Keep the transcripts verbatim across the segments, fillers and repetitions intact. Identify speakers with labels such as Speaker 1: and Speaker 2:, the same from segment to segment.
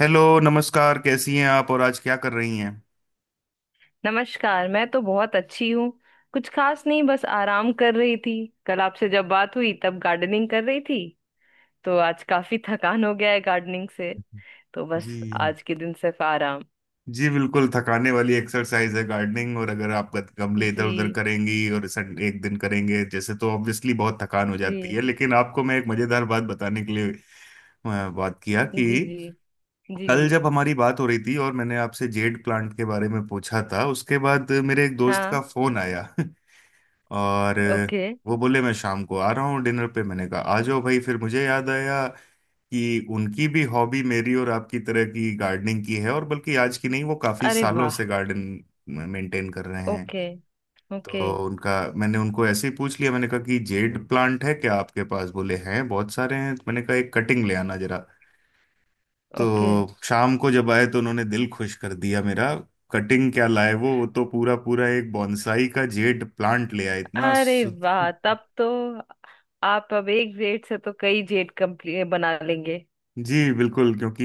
Speaker 1: Hello नमस्कार, कैसी हैं आप और आज क्या कर रही हैं?
Speaker 2: नमस्कार। मैं तो बहुत अच्छी हूँ। कुछ खास नहीं, बस आराम कर रही थी। कल आपसे जब बात हुई तब गार्डनिंग कर रही थी। तो आज काफी थकान हो गया है गार्डनिंग से। तो बस
Speaker 1: जी,
Speaker 2: आज के दिन सिर्फ आराम।
Speaker 1: जी, बिल्कुल थकाने वाली एक्सरसाइज है गार्डनिंग। और अगर आप गत- गमले इधर
Speaker 2: जी।
Speaker 1: उधर करेंगी और सन- एक दिन करेंगे जैसे तो ऑब्वियसली बहुत थकान हो जाती है।
Speaker 2: जी।
Speaker 1: लेकिन आपको मैं एक मजेदार बात बताने के लिए अ, बात किया
Speaker 2: जी।
Speaker 1: कि
Speaker 2: जी। जी।
Speaker 1: कल
Speaker 2: जी।
Speaker 1: जब हमारी बात हो रही थी और मैंने आपसे जेड प्लांट के बारे में पूछा था, उसके बाद मेरे एक दोस्त का
Speaker 2: हाँ।
Speaker 1: फोन आया और
Speaker 2: ओके।
Speaker 1: वो बोले मैं शाम को आ रहा हूँ डिनर पे। मैंने कहा आ जाओ भाई। फिर मुझे याद आया कि उनकी भी हॉबी मेरी और आपकी तरह की गार्डनिंग की है, और बल्कि आज की नहीं, वो काफी
Speaker 2: अरे
Speaker 1: सालों
Speaker 2: वाह।
Speaker 1: से गार्डन मेंटेन कर रहे हैं।
Speaker 2: ओके। ओके।
Speaker 1: तो उनका मैंने उनको ऐसे ही पूछ लिया, मैंने कहा कि जेड प्लांट है क्या आपके पास, बोले हैं बहुत सारे हैं। तो मैंने कहा एक कटिंग ले आना जरा।
Speaker 2: ओके।
Speaker 1: तो शाम को जब आए तो उन्होंने दिल खुश कर दिया मेरा। कटिंग क्या लाए, वो वो तो पूरा पूरा एक बॉन्साई का जेड प्लांट ले आए इतना
Speaker 2: अरे
Speaker 1: सु-
Speaker 2: वाह, तब तो आप अब एक जेड से तो कई जेड कंप्लीट बना लेंगे।
Speaker 1: जी बिल्कुल। क्योंकि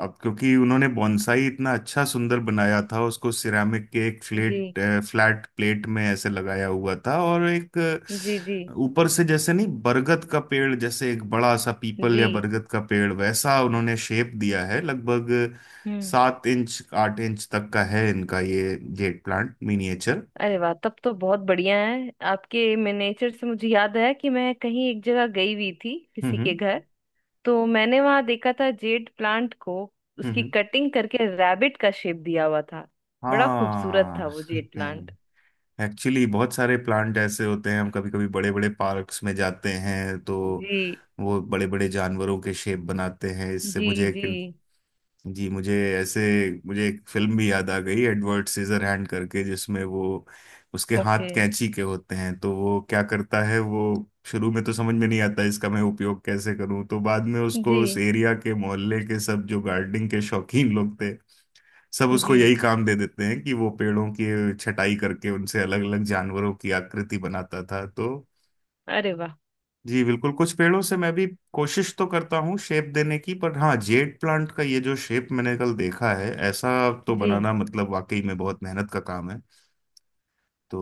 Speaker 1: अब क्योंकि उन्होंने बॉन्साई इतना अच्छा सुंदर बनाया था। उसको सिरामिक के एक
Speaker 2: जी
Speaker 1: फ्लेट फ्लैट प्लेट में ऐसे लगाया हुआ था और एक
Speaker 2: जी। जी
Speaker 1: अ, ऊपर से जैसे नहीं बरगद का पेड़ जैसे, एक बड़ा सा पीपल
Speaker 2: जी।
Speaker 1: या बरगद का पेड़ वैसा उन्होंने शेप दिया है। लगभग
Speaker 2: हम्म।
Speaker 1: सात इंच आठ इंच तक का है इनका ये जेट प्लांट मिनिएचर।
Speaker 2: अरे वाह, तब तो बहुत बढ़िया है आपके मिनिएचर से। मुझे याद आया कि मैं कहीं एक जगह गई हुई थी, किसी के
Speaker 1: हम्म,
Speaker 2: घर। तो मैंने वहां देखा था जेड प्लांट को।
Speaker 1: हम्म,
Speaker 2: उसकी
Speaker 1: हम्म,
Speaker 2: कटिंग करके रैबिट का शेप दिया हुआ था। बड़ा खूबसूरत था
Speaker 1: हाँ
Speaker 2: वो जेड प्लांट।
Speaker 1: एक्चुअली बहुत सारे प्लांट ऐसे होते हैं, हम कभी कभी बड़े बड़े पार्क्स में जाते हैं तो
Speaker 2: जी
Speaker 1: वो बड़े बड़े जानवरों के शेप बनाते हैं। इससे
Speaker 2: जी
Speaker 1: मुझे एक
Speaker 2: जी।
Speaker 1: जी। मुझे ऐसे मुझे एक फिल्म भी याद आ गई एडवर्ड सीजर हैंड करके, जिसमें वो उसके हाथ
Speaker 2: ओके।
Speaker 1: कैंची के होते हैं। तो वो क्या करता है, वो शुरू में तो समझ में नहीं आता इसका मैं उपयोग कैसे करूं, तो बाद में उसको
Speaker 2: जी
Speaker 1: उस एरिया के मोहल्ले के सब जो गार्डनिंग के शौकीन लोग थे, सब उसको
Speaker 2: जी।
Speaker 1: यही काम दे देते हैं कि वो पेड़ों की छटाई करके उनसे अलग अलग जानवरों की आकृति बनाता था। तो
Speaker 2: अरे वाह।
Speaker 1: जी, बिल्कुल। कुछ पेड़ों से मैं भी कोशिश तो करता हूँ शेप देने की, पर हाँ जेड प्लांट का ये जो शेप मैंने कल देखा है ऐसा तो
Speaker 2: जी।
Speaker 1: बनाना मतलब वाकई में बहुत मेहनत का काम है। तो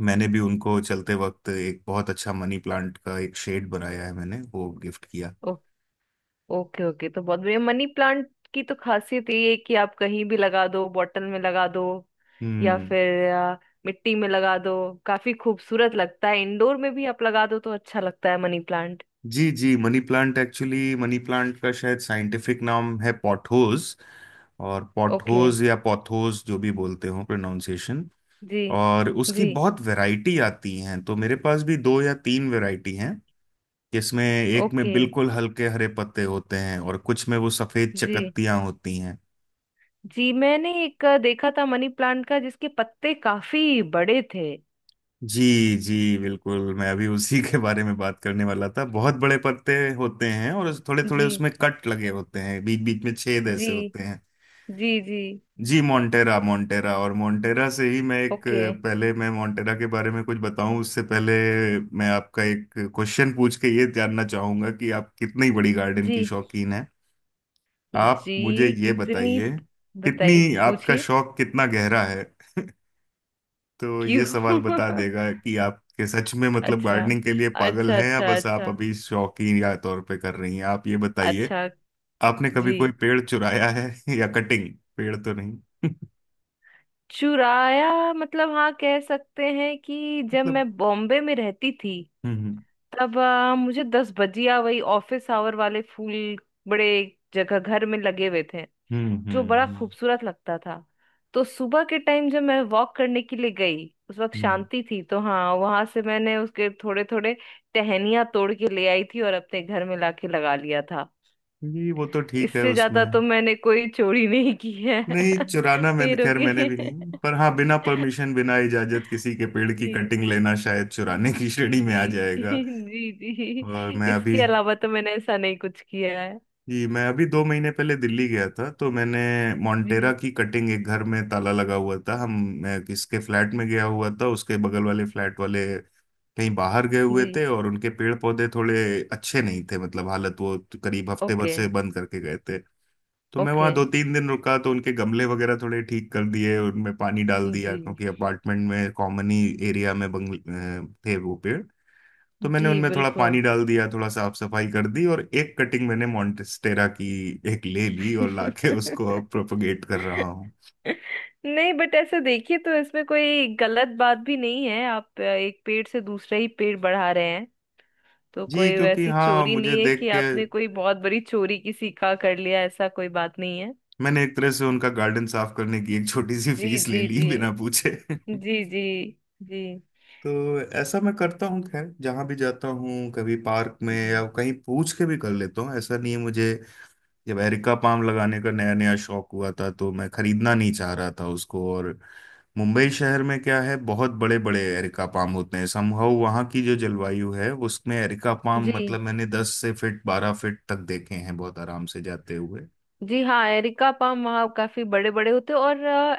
Speaker 1: मैंने भी उनको चलते वक्त एक बहुत अच्छा मनी प्लांट का एक शेड बनाया है, मैंने वो गिफ्ट किया।
Speaker 2: ओके ओके, तो बहुत बढ़िया। मनी प्लांट की तो खासियत ये है कि आप कहीं भी लगा दो, बॉटल में लगा दो या
Speaker 1: हम्म।
Speaker 2: फिर आ, मिट्टी में लगा दो। काफी खूबसूरत लगता है, इंडोर में भी आप लगा दो तो अच्छा लगता है मनी प्लांट।
Speaker 1: जी, जी, money plant actually money plant का शायद साइंटिफिक नाम है पॉटहोज। और
Speaker 2: ओके।
Speaker 1: पॉटहोज या पॉथोज जो भी बोलते हो प्रोनाउंसिएशन।
Speaker 2: जी
Speaker 1: और उसकी
Speaker 2: जी।
Speaker 1: बहुत वैरायटी आती हैं तो मेरे पास भी दो या तीन वैरायटी हैं, जिसमें एक में
Speaker 2: ओके।
Speaker 1: बिल्कुल हल्के हरे पत्ते होते हैं और कुछ में वो सफेद
Speaker 2: जी
Speaker 1: चकत्तियां होती हैं।
Speaker 2: जी मैंने एक आ, देखा था मनी प्लांट का जिसके पत्ते काफी बड़े थे।
Speaker 1: जी, जी, बिल्कुल, मैं अभी उसी के बारे में बात करने वाला था। बहुत बड़े पत्ते होते हैं और थोड़े थोड़े
Speaker 2: जी
Speaker 1: उसमें कट लगे होते हैं, बीच बीच में छेद
Speaker 2: जी।
Speaker 1: ऐसे होते हैं।
Speaker 2: जी जी।
Speaker 1: जी, मोन्टेरा। मोन्टेरा और मोन्टेरा से ही मैं एक
Speaker 2: ओके।
Speaker 1: पहले मैं मोन्टेरा के बारे में कुछ बताऊं उससे पहले मैं आपका एक क्वेश्चन पूछ के ये जानना चाहूंगा कि आप कितनी बड़ी गार्डन की
Speaker 2: जी
Speaker 1: शौकीन हैं। आप मुझे
Speaker 2: जी।
Speaker 1: ये
Speaker 2: कितनी?
Speaker 1: बताइए,
Speaker 2: बताइए,
Speaker 1: कितनी आपका
Speaker 2: पूछिए।
Speaker 1: शौक कितना गहरा है। तो ये सवाल
Speaker 2: क्यों?
Speaker 1: बता देगा कि आप के सच में मतलब
Speaker 2: अच्छा।
Speaker 1: गार्डनिंग के लिए पागल
Speaker 2: अच्छा
Speaker 1: हैं या
Speaker 2: अच्छा
Speaker 1: बस आप
Speaker 2: अच्छा।
Speaker 1: अभी शौकीन या तौर पे कर रही हैं, आप ये बताइए,
Speaker 2: अच्छा।
Speaker 1: आपने कभी
Speaker 2: जी।
Speaker 1: कोई पेड़ चुराया है? या कटिंग, पेड़ तो नहीं
Speaker 2: चुराया मतलब हाँ, कह सकते हैं कि जब
Speaker 1: मतलब।
Speaker 2: मैं बॉम्बे में रहती थी,
Speaker 1: हम्म, हम्म।
Speaker 2: तब आ, मुझे दस बजिया वही ऑफिस आवर वाले फूल बड़े जगह घर में लगे हुए थे
Speaker 1: हम्म,
Speaker 2: जो
Speaker 1: हम्म,
Speaker 2: बड़ा
Speaker 1: हम्म,
Speaker 2: खूबसूरत लगता था। तो सुबह के टाइम जब मैं वॉक करने के लिए गई, उस वक्त
Speaker 1: हम्म।
Speaker 2: शांति थी, तो हाँ, वहां से मैंने उसके थोड़े थोड़े टहनियां तोड़ के ले आई थी और अपने घर में लाके लगा लिया था।
Speaker 1: ये वो तो ठीक है
Speaker 2: इससे
Speaker 1: उसमें।
Speaker 2: ज्यादा तो मैंने कोई चोरी नहीं की है
Speaker 1: नहीं चुराना मैंने,
Speaker 2: पैरों
Speaker 1: खैर मैंने
Speaker 2: की
Speaker 1: भी नहीं, पर हाँ बिना परमिशन बिना इजाजत किसी के पेड़ की
Speaker 2: जी
Speaker 1: कटिंग लेना शायद चुराने की
Speaker 2: जी
Speaker 1: श्रेणी में आ
Speaker 2: जी
Speaker 1: जाएगा।
Speaker 2: जी
Speaker 1: और
Speaker 2: जी,
Speaker 1: मैं अभी
Speaker 2: इसके अलावा तो मैंने ऐसा नहीं कुछ किया है।
Speaker 1: जी, मैं अभी दो महीने पहले दिल्ली गया था। तो मैंने मोन्टेरा
Speaker 2: जी
Speaker 1: की कटिंग, एक घर में ताला लगा हुआ था, हम मैं किसके फ्लैट में गया हुआ था उसके बगल वाले फ्लैट वाले कहीं बाहर गए हुए
Speaker 2: जी।
Speaker 1: थे, और उनके पेड़ पौधे थोड़े अच्छे नहीं थे, मतलब हालत, वो तो करीब हफ्ते भर
Speaker 2: ओके
Speaker 1: से बंद करके गए थे। तो मैं
Speaker 2: ओके।
Speaker 1: वहाँ दो तीन दिन रुका, तो उनके गमले वगैरह थोड़े ठीक कर दिए, उनमें पानी डाल दिया,
Speaker 2: जी
Speaker 1: क्योंकि अपार्टमेंट में कॉमन ही एरिया में बंगल अ, थे वो पेड़। तो मैंने
Speaker 2: जी
Speaker 1: उनमें थोड़ा
Speaker 2: बिल्कुल।
Speaker 1: पानी डाल दिया, थोड़ा साफ सफाई कर दी, और एक कटिंग मैंने मॉन्टेस्टेरा की एक ले ली और लाके उसको अब प्रोपगेट कर रहा हूँ।
Speaker 2: नहीं, बट ऐसे देखिए तो इसमें कोई गलत बात भी नहीं है, आप एक पेड़ से दूसरा ही पेड़ बढ़ा रहे। तो
Speaker 1: जी
Speaker 2: कोई
Speaker 1: क्योंकि
Speaker 2: वैसी
Speaker 1: हाँ
Speaker 2: चोरी
Speaker 1: मुझे
Speaker 2: नहीं है
Speaker 1: देख
Speaker 2: कि
Speaker 1: के,
Speaker 2: आपने कोई बहुत बड़ी चोरी किसी का कर लिया, ऐसा कोई बात नहीं है।
Speaker 1: मैंने एक तरह से उनका गार्डन साफ करने की एक छोटी सी
Speaker 2: जी
Speaker 1: फीस ले
Speaker 2: जी
Speaker 1: ली
Speaker 2: जी।
Speaker 1: बिना पूछे।
Speaker 2: जी जी। जी
Speaker 1: तो ऐसा मैं करता हूँ, खैर जहाँ भी जाता हूँ कभी पार्क में
Speaker 2: जी।
Speaker 1: या कहीं पूछ के भी कर लेता हूँ, ऐसा नहीं है मुझे। जब एरिका पाम लगाने का नया नया शौक हुआ था तो मैं खरीदना नहीं चाह रहा था उसको। और मुंबई शहर में क्या है, बहुत बड़े बड़े एरिका पाम होते हैं, समहाउ वहाँ की जो जलवायु है उसमें एरिका पाम
Speaker 2: जी
Speaker 1: मतलब मैंने दस से फिट बारह फिट तक देखे हैं बहुत आराम से जाते हुए।
Speaker 2: जी। हाँ, एरिका पाम वहाँ काफी बड़े बड़े होते हैं। और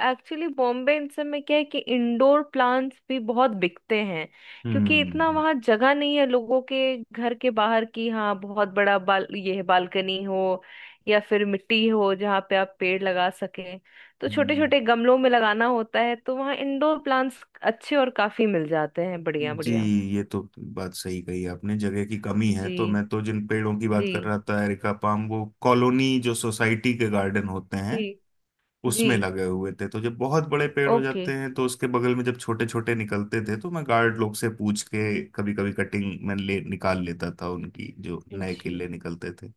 Speaker 2: एक्चुअली बॉम्बे इन सब में क्या है कि इंडोर प्लांट्स भी बहुत बिकते हैं, क्योंकि इतना
Speaker 1: हम्म,
Speaker 2: वहाँ जगह नहीं है लोगों के घर के बाहर की। हाँ, बहुत बड़ा बाल ये है, बालकनी हो या फिर मिट्टी हो जहाँ पे आप पेड़ लगा सकें। तो छोटे
Speaker 1: हम्म।
Speaker 2: छोटे गमलों में लगाना होता है, तो वहाँ इंडोर प्लांट्स अच्छे और काफी मिल जाते हैं, बढ़िया
Speaker 1: जी,
Speaker 2: बढ़िया।
Speaker 1: ये तो बात सही कही आपने जगह की कमी है। तो
Speaker 2: जी
Speaker 1: मैं तो जिन पेड़ों की बात
Speaker 2: जी
Speaker 1: कर रहा था एरिका पाम, वो कॉलोनी जो सोसाइटी के गार्डन होते
Speaker 2: जी
Speaker 1: हैं
Speaker 2: जी।
Speaker 1: उसमें लगे हुए थे। तो जब बहुत बड़े पेड़ हो
Speaker 2: ओके।
Speaker 1: जाते हैं तो उसके बगल में जब छोटे छोटे निकलते थे तो मैं गार्ड लोग से पूछ के कभी कभी कटिंग मैं ले निकाल लेता था उनकी, जो नए
Speaker 2: जी।
Speaker 1: केले निकलते थे।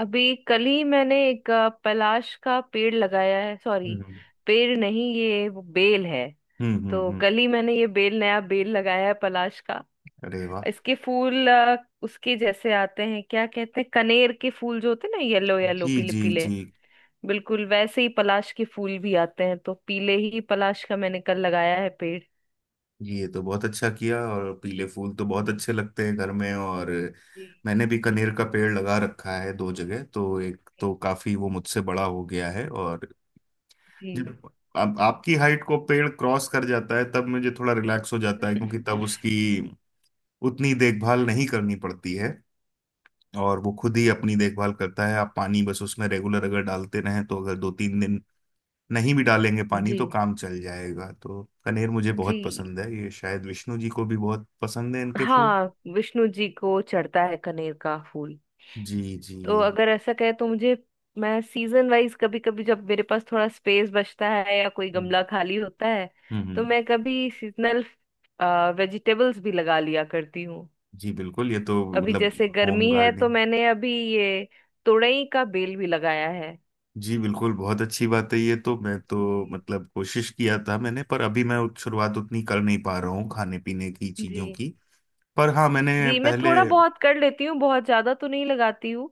Speaker 2: अभी कल ही मैंने एक अ, पलाश का पेड़ लगाया है। सॉरी,
Speaker 1: हम्म।
Speaker 2: पेड़ नहीं, ये वो बेल है।
Speaker 1: हम्म, हम्म,
Speaker 2: तो
Speaker 1: हम्म,
Speaker 2: कल ही मैंने ये बेल, नया बेल लगाया है पलाश का।
Speaker 1: अरे वाह।
Speaker 2: इसके फूल अ, उसके जैसे आते हैं, क्या कहते हैं कनेर के फूल जो होते हैं ना, येलो येलो,
Speaker 1: जी,
Speaker 2: पीले
Speaker 1: जी,
Speaker 2: पीले।
Speaker 1: जी,
Speaker 2: बिल्कुल वैसे ही पलाश के फूल भी आते हैं, तो पीले ही पलाश का मैंने कल लगाया है पेड़।
Speaker 1: ये तो बहुत अच्छा किया, और पीले फूल तो बहुत
Speaker 2: जी
Speaker 1: अच्छे लगते हैं घर में। और
Speaker 2: जी
Speaker 1: मैंने भी कनेर का पेड़ लगा रखा है दो जगह, तो एक तो काफी वो मुझसे बड़ा हो गया है। और
Speaker 2: जी
Speaker 1: जब अब आपकी हाइट को पेड़ क्रॉस कर जाता है तब मुझे थोड़ा रिलैक्स हो जाता है, क्योंकि तब उसकी उतनी देखभाल नहीं करनी पड़ती है और वो खुद ही अपनी देखभाल करता है। आप पानी बस उसमें रेगुलर अगर डालते रहें तो, अगर दो तीन दिन नहीं भी डालेंगे पानी
Speaker 2: जी
Speaker 1: तो काम चल जाएगा। तो कनेर मुझे बहुत
Speaker 2: जी।
Speaker 1: पसंद है, ये शायद विष्णु जी को भी बहुत पसंद है इनके फूल।
Speaker 2: हाँ, विष्णु जी को चढ़ता है कनेर का फूल।
Speaker 1: जी, जी,
Speaker 2: तो अगर ऐसा कहे तो मुझे, मैं सीजन वाइज कभी कभी जब मेरे पास थोड़ा स्पेस बचता है या कोई
Speaker 1: हम्म,
Speaker 2: गमला खाली होता है, तो
Speaker 1: हम्म,
Speaker 2: मैं कभी सीजनल वेजिटेबल्स भी लगा लिया करती हूँ।
Speaker 1: जी, बिल्कुल, ये तो
Speaker 2: अभी जैसे
Speaker 1: मतलब होम
Speaker 2: गर्मी है तो
Speaker 1: गार्डनिंग।
Speaker 2: मैंने अभी ये तुरई का बेल भी लगाया है।
Speaker 1: जी, बिल्कुल, बहुत अच्छी बात है ये तो, मैं तो
Speaker 2: जी
Speaker 1: मतलब कोशिश किया था मैंने, पर अभी मैं उत- शुरुआत उतनी कर नहीं पा रहा हूँ खाने पीने की चीजों
Speaker 2: जी
Speaker 1: की। पर हाँ मैंने
Speaker 2: जी, मैं
Speaker 1: पहले।
Speaker 2: थोड़ा बहुत कर लेती हूँ, बहुत ज्यादा तो नहीं लगाती हूँ।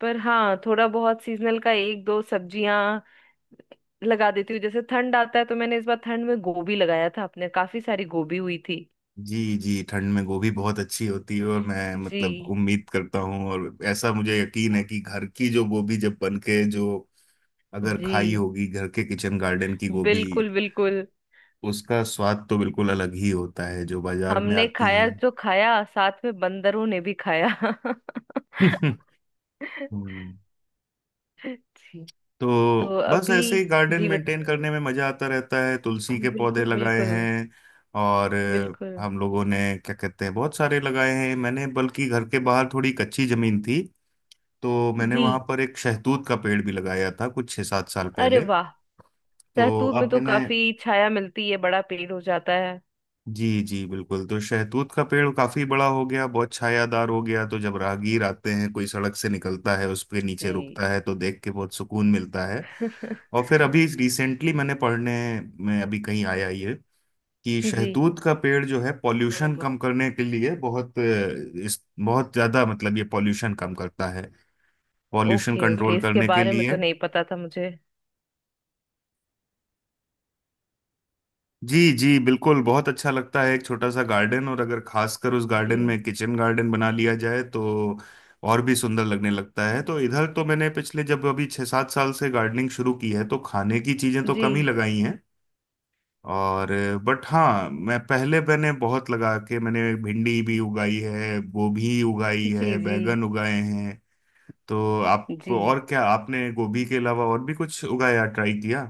Speaker 2: पर हाँ, थोड़ा बहुत सीजनल का, एक दो सब्जियां लगा देती हूँ। जैसे ठंड आता है तो मैंने इस बार ठंड में गोभी लगाया था, अपने काफी सारी गोभी हुई थी।
Speaker 1: जी, जी, ठंड में गोभी बहुत अच्छी होती है, और मैं मतलब
Speaker 2: जी
Speaker 1: उम्मीद करता हूँ और ऐसा मुझे यकीन है कि घर की जो गोभी जब बन के जो, अगर खाई
Speaker 2: जी
Speaker 1: होगी घर के किचन गार्डन की गोभी,
Speaker 2: बिल्कुल बिल्कुल।
Speaker 1: उसका स्वाद तो बिल्कुल अलग ही होता है जो बाजार में
Speaker 2: हमने
Speaker 1: आती
Speaker 2: खाया,
Speaker 1: हैं।
Speaker 2: जो खाया साथ में बंदरों ने भी खाया
Speaker 1: हम्म
Speaker 2: जी। तो
Speaker 1: तो बस
Speaker 2: अभी।
Speaker 1: ऐसे ही गार्डन
Speaker 2: जीवित।
Speaker 1: मेंटेन करने में मजा आता रहता है, तुलसी के पौधे
Speaker 2: बिल्कुल
Speaker 1: लगाए
Speaker 2: बिल्कुल।
Speaker 1: हैं। और
Speaker 2: बिल्कुल।
Speaker 1: अ, हम लोगों ने क्या कहते हैं बहुत सारे लगाए हैं, मैंने बल्कि घर के बाहर थोड़ी कच्ची जमीन थी तो मैंने
Speaker 2: जी।
Speaker 1: वहां पर एक शहतूत का पेड़ भी लगाया था कुछ छः सात साल
Speaker 2: अरे
Speaker 1: पहले।
Speaker 2: वाह।
Speaker 1: तो
Speaker 2: सहतूत में
Speaker 1: अब
Speaker 2: तो
Speaker 1: मैंने
Speaker 2: काफी छाया मिलती है, बड़ा पेड़ हो जाता है।
Speaker 1: जी, जी, बिल्कुल। तो शहतूत का पेड़ काफी बड़ा हो गया, बहुत छायादार हो गया, तो जब राहगीर आते हैं, कोई सड़क से निकलता है, उसके नीचे
Speaker 2: जी
Speaker 1: रुकता है, तो देख के बहुत सुकून मिलता है। और फिर अभी रिसेंटली मैंने पढ़ने में अभी कहीं आया ये कि
Speaker 2: जी।
Speaker 1: शहतूत का पेड़ जो है पॉल्यूशन कम करने के लिए बहुत अ, इस बहुत ज्यादा मतलब ये पॉल्यूशन कम करता है, पॉल्यूशन
Speaker 2: ओके ओके,
Speaker 1: कंट्रोल
Speaker 2: इसके
Speaker 1: करने के
Speaker 2: बारे में
Speaker 1: लिए।
Speaker 2: तो नहीं पता था मुझे।
Speaker 1: जी, जी, बिल्कुल, बहुत अच्छा लगता है एक छोटा सा गार्डन, और अगर खासकर उस
Speaker 2: जी
Speaker 1: गार्डन में किचन गार्डन बना लिया जाए तो और भी सुंदर लगने लगता है। तो इधर तो मैंने पिछले जब अभी छः सात साल से गार्डनिंग शुरू की है तो खाने की चीज़ें तो
Speaker 2: जी
Speaker 1: कम ही लगाई हैं। और बट हाँ मैं पहले मैंने बहुत लगा के मैंने भिंडी भी उगाई है, गोभी उगाई
Speaker 2: जी
Speaker 1: है,
Speaker 2: जी।
Speaker 1: बैगन उगाए हैं। तो आप,
Speaker 2: जी
Speaker 1: और क्या आपने गोभी के अलावा और भी कुछ उगाया, ट्राई किया?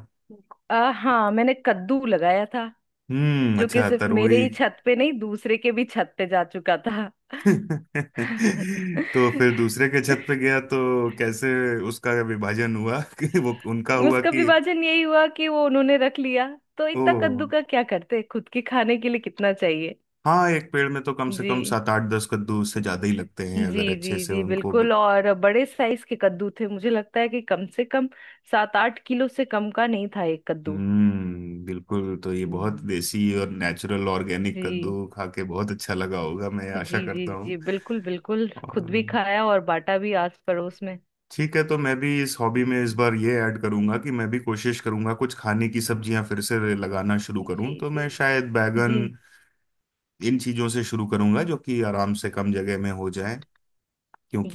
Speaker 2: आ, हाँ, मैंने कद्दू लगाया था।
Speaker 1: हम्म,
Speaker 2: जो कि
Speaker 1: अच्छा,
Speaker 2: सिर्फ मेरे
Speaker 1: तरोई।
Speaker 2: ही छत पे नहीं, दूसरे के भी छत पे जा चुका था
Speaker 1: तो फिर दूसरे के छत पे गया तो कैसे उसका विभाजन हुआ कि वो उनका हुआ,
Speaker 2: उसका
Speaker 1: कि।
Speaker 2: विभाजन यही हुआ कि वो उन्होंने रख लिया। तो इतना कद्दू
Speaker 1: ओ,
Speaker 2: का क्या करते, खुद के खाने के लिए कितना चाहिए।
Speaker 1: हाँ एक पेड़ में तो कम से कम
Speaker 2: जी
Speaker 1: सात आठ दस कद्दू उससे ज्यादा ही लगते हैं,
Speaker 2: जी
Speaker 1: अगर अच्छे
Speaker 2: जी।
Speaker 1: से
Speaker 2: जी
Speaker 1: उनको।
Speaker 2: बिल्कुल। और बड़े साइज के कद्दू थे, मुझे लगता है कि कम से कम सात आठ किलो से कम का नहीं था एक कद्दू।
Speaker 1: हम्म बिल्कुल, तो ये बहुत
Speaker 2: हम्म।
Speaker 1: देसी और नेचुरल ऑर्गेनिक
Speaker 2: जी
Speaker 1: कद्दू खा के बहुत अच्छा लगा होगा, मैं आशा
Speaker 2: जी जी।
Speaker 1: करता हूँ।
Speaker 2: जी बिल्कुल बिल्कुल, खुद भी
Speaker 1: और
Speaker 2: खाया और बांटा भी आस पड़ोस में।
Speaker 1: ठीक है, तो मैं भी इस हॉबी में इस
Speaker 2: जी
Speaker 1: बार ये ऐड करूंगा कि मैं भी कोशिश करूंगा कुछ खाने की सब्जियां फिर से लगाना शुरू करूं,
Speaker 2: जी
Speaker 1: तो मैं शायद बैगन
Speaker 2: जी।
Speaker 1: इन चीजों से शुरू करूंगा जो कि आराम से कम जगह में हो जाए।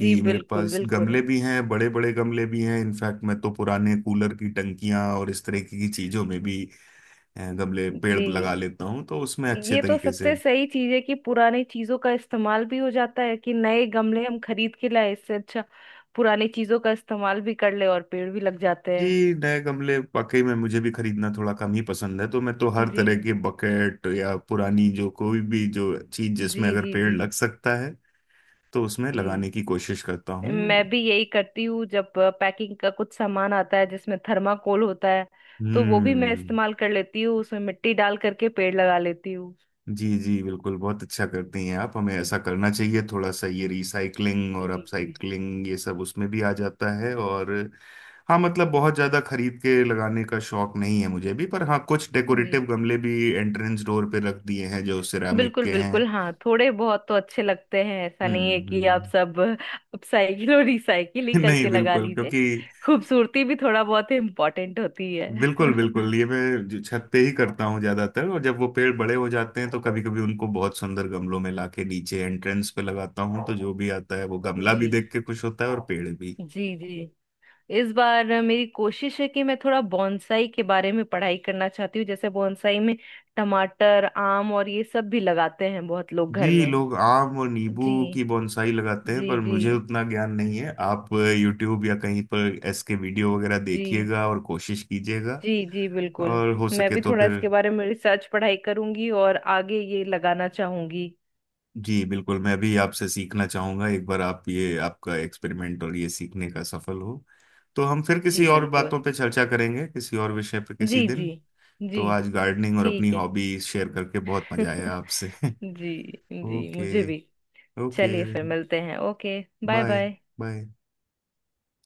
Speaker 2: जी
Speaker 1: मेरे
Speaker 2: बिल्कुल
Speaker 1: पास
Speaker 2: बिल्कुल।
Speaker 1: गमले भी हैं, बड़े बड़े गमले भी हैं, इनफैक्ट मैं तो पुराने कूलर की टंकियां और इस तरह की चीजों में भी अ, गमले पेड़
Speaker 2: जी।
Speaker 1: लगा लेता हूँ, तो उसमें अच्छे
Speaker 2: ये तो
Speaker 1: तरीके से।
Speaker 2: सबसे सही चीज है कि पुरानी चीजों का इस्तेमाल भी हो जाता है। कि नए गमले हम खरीद के लाए, इससे अच्छा पुरानी चीजों का इस्तेमाल भी कर ले और पेड़ भी लग जाते
Speaker 1: जी,
Speaker 2: हैं।
Speaker 1: नए गमले वाकई में मुझे भी खरीदना थोड़ा कम ही पसंद है, तो मैं तो हर
Speaker 2: जी
Speaker 1: तरह के बकेट या पुरानी जो कोई भी जो चीज
Speaker 2: जी
Speaker 1: जिसमें अगर
Speaker 2: जी
Speaker 1: पेड़
Speaker 2: जी
Speaker 1: लग सकता है तो उसमें
Speaker 2: जी।
Speaker 1: लगाने की कोशिश करता हूँ।
Speaker 2: मैं भी यही करती हूँ। जब पैकिंग का कुछ सामान आता है जिसमें थर्माकोल होता है, तो वो भी मैं
Speaker 1: हम्म।
Speaker 2: इस्तेमाल कर लेती हूँ, उसमें मिट्टी डाल करके पेड़ लगा लेती हूँ।
Speaker 1: जी, जी, बिल्कुल, बहुत अच्छा करती हैं आप, हमें ऐसा करना चाहिए, थोड़ा सा ये रिसाइकलिंग और
Speaker 2: बिल्कुल।
Speaker 1: अपसाइकलिंग ये सब उसमें भी आ जाता है। और हाँ मतलब बहुत ज़्यादा खरीद के लगाने का शौक नहीं है मुझे भी, पर हाँ कुछ
Speaker 2: जी।
Speaker 1: डेकोरेटिव गमले भी एंट्रेंस डोर पे रख दिए हैं जो सिरामिक
Speaker 2: बिल्कुल
Speaker 1: के
Speaker 2: बिल्कुल,
Speaker 1: हैं।
Speaker 2: हाँ थोड़े बहुत तो अच्छे लगते हैं। ऐसा नहीं
Speaker 1: हम्म,
Speaker 2: है कि आप
Speaker 1: हम्म।
Speaker 2: सब अपसाइकिल और रिसाइकिल ही
Speaker 1: नहीं,
Speaker 2: करके लगा
Speaker 1: बिल्कुल।
Speaker 2: लीजिए,
Speaker 1: क्योंकि
Speaker 2: खूबसूरती भी थोड़ा बहुत इम्पोर्टेंट होती है।
Speaker 1: बिल्कुल, बिल्कुल, ये मैं जो छत पे ही करता हूँ ज्यादातर, और जब वो पेड़ बड़े हो जाते हैं तो कभी कभी उनको बहुत सुंदर गमलों में लाके नीचे एंट्रेंस पे लगाता हूँ, तो जो भी आता है वो गमला
Speaker 2: जी
Speaker 1: भी देख के खुश होता है और पेड़ भी।
Speaker 2: जी जी। इस बार मेरी कोशिश है कि मैं थोड़ा बॉन्साई के बारे में पढ़ाई करना चाहती हूँ। जैसे बॉन्साई में टमाटर, आम और ये सब भी लगाते हैं बहुत लोग घर
Speaker 1: जी,
Speaker 2: में।
Speaker 1: लोग आम और नींबू की
Speaker 2: जी
Speaker 1: बोनसाई लगाते हैं,
Speaker 2: जी
Speaker 1: पर
Speaker 2: जी
Speaker 1: मुझे उतना ज्ञान नहीं है। आप यूट्यूब या कहीं पर इसके वीडियो वगैरह
Speaker 2: जी
Speaker 1: देखिएगा और कोशिश कीजिएगा,
Speaker 2: जी। जी बिल्कुल।
Speaker 1: और हो
Speaker 2: मैं
Speaker 1: सके
Speaker 2: भी
Speaker 1: तो
Speaker 2: थोड़ा
Speaker 1: फिर
Speaker 2: इसके बारे में रिसर्च पढ़ाई करूंगी और आगे ये लगाना चाहूंगी।
Speaker 1: जी, बिल्कुल, मैं भी आपसे सीखना चाहूंगा। एक बार आप ये आपका एक्सपेरिमेंट और ये सीखने का सफल हो तो हम फिर
Speaker 2: जी
Speaker 1: किसी और
Speaker 2: बिल्कुल।
Speaker 1: बातों पे चर्चा करेंगे किसी और विषय पर किसी
Speaker 2: जी
Speaker 1: दिन।
Speaker 2: जी। जी।
Speaker 1: तो आज गार्डनिंग और अपनी
Speaker 2: ठीक है।
Speaker 1: हॉबी शेयर करके बहुत मजा आया आपसे
Speaker 2: जी। जी मुझे
Speaker 1: ओके,
Speaker 2: भी।
Speaker 1: ओके,
Speaker 2: चलिए फिर मिलते हैं। Okay. Bye
Speaker 1: bye,
Speaker 2: bye.
Speaker 1: Bye.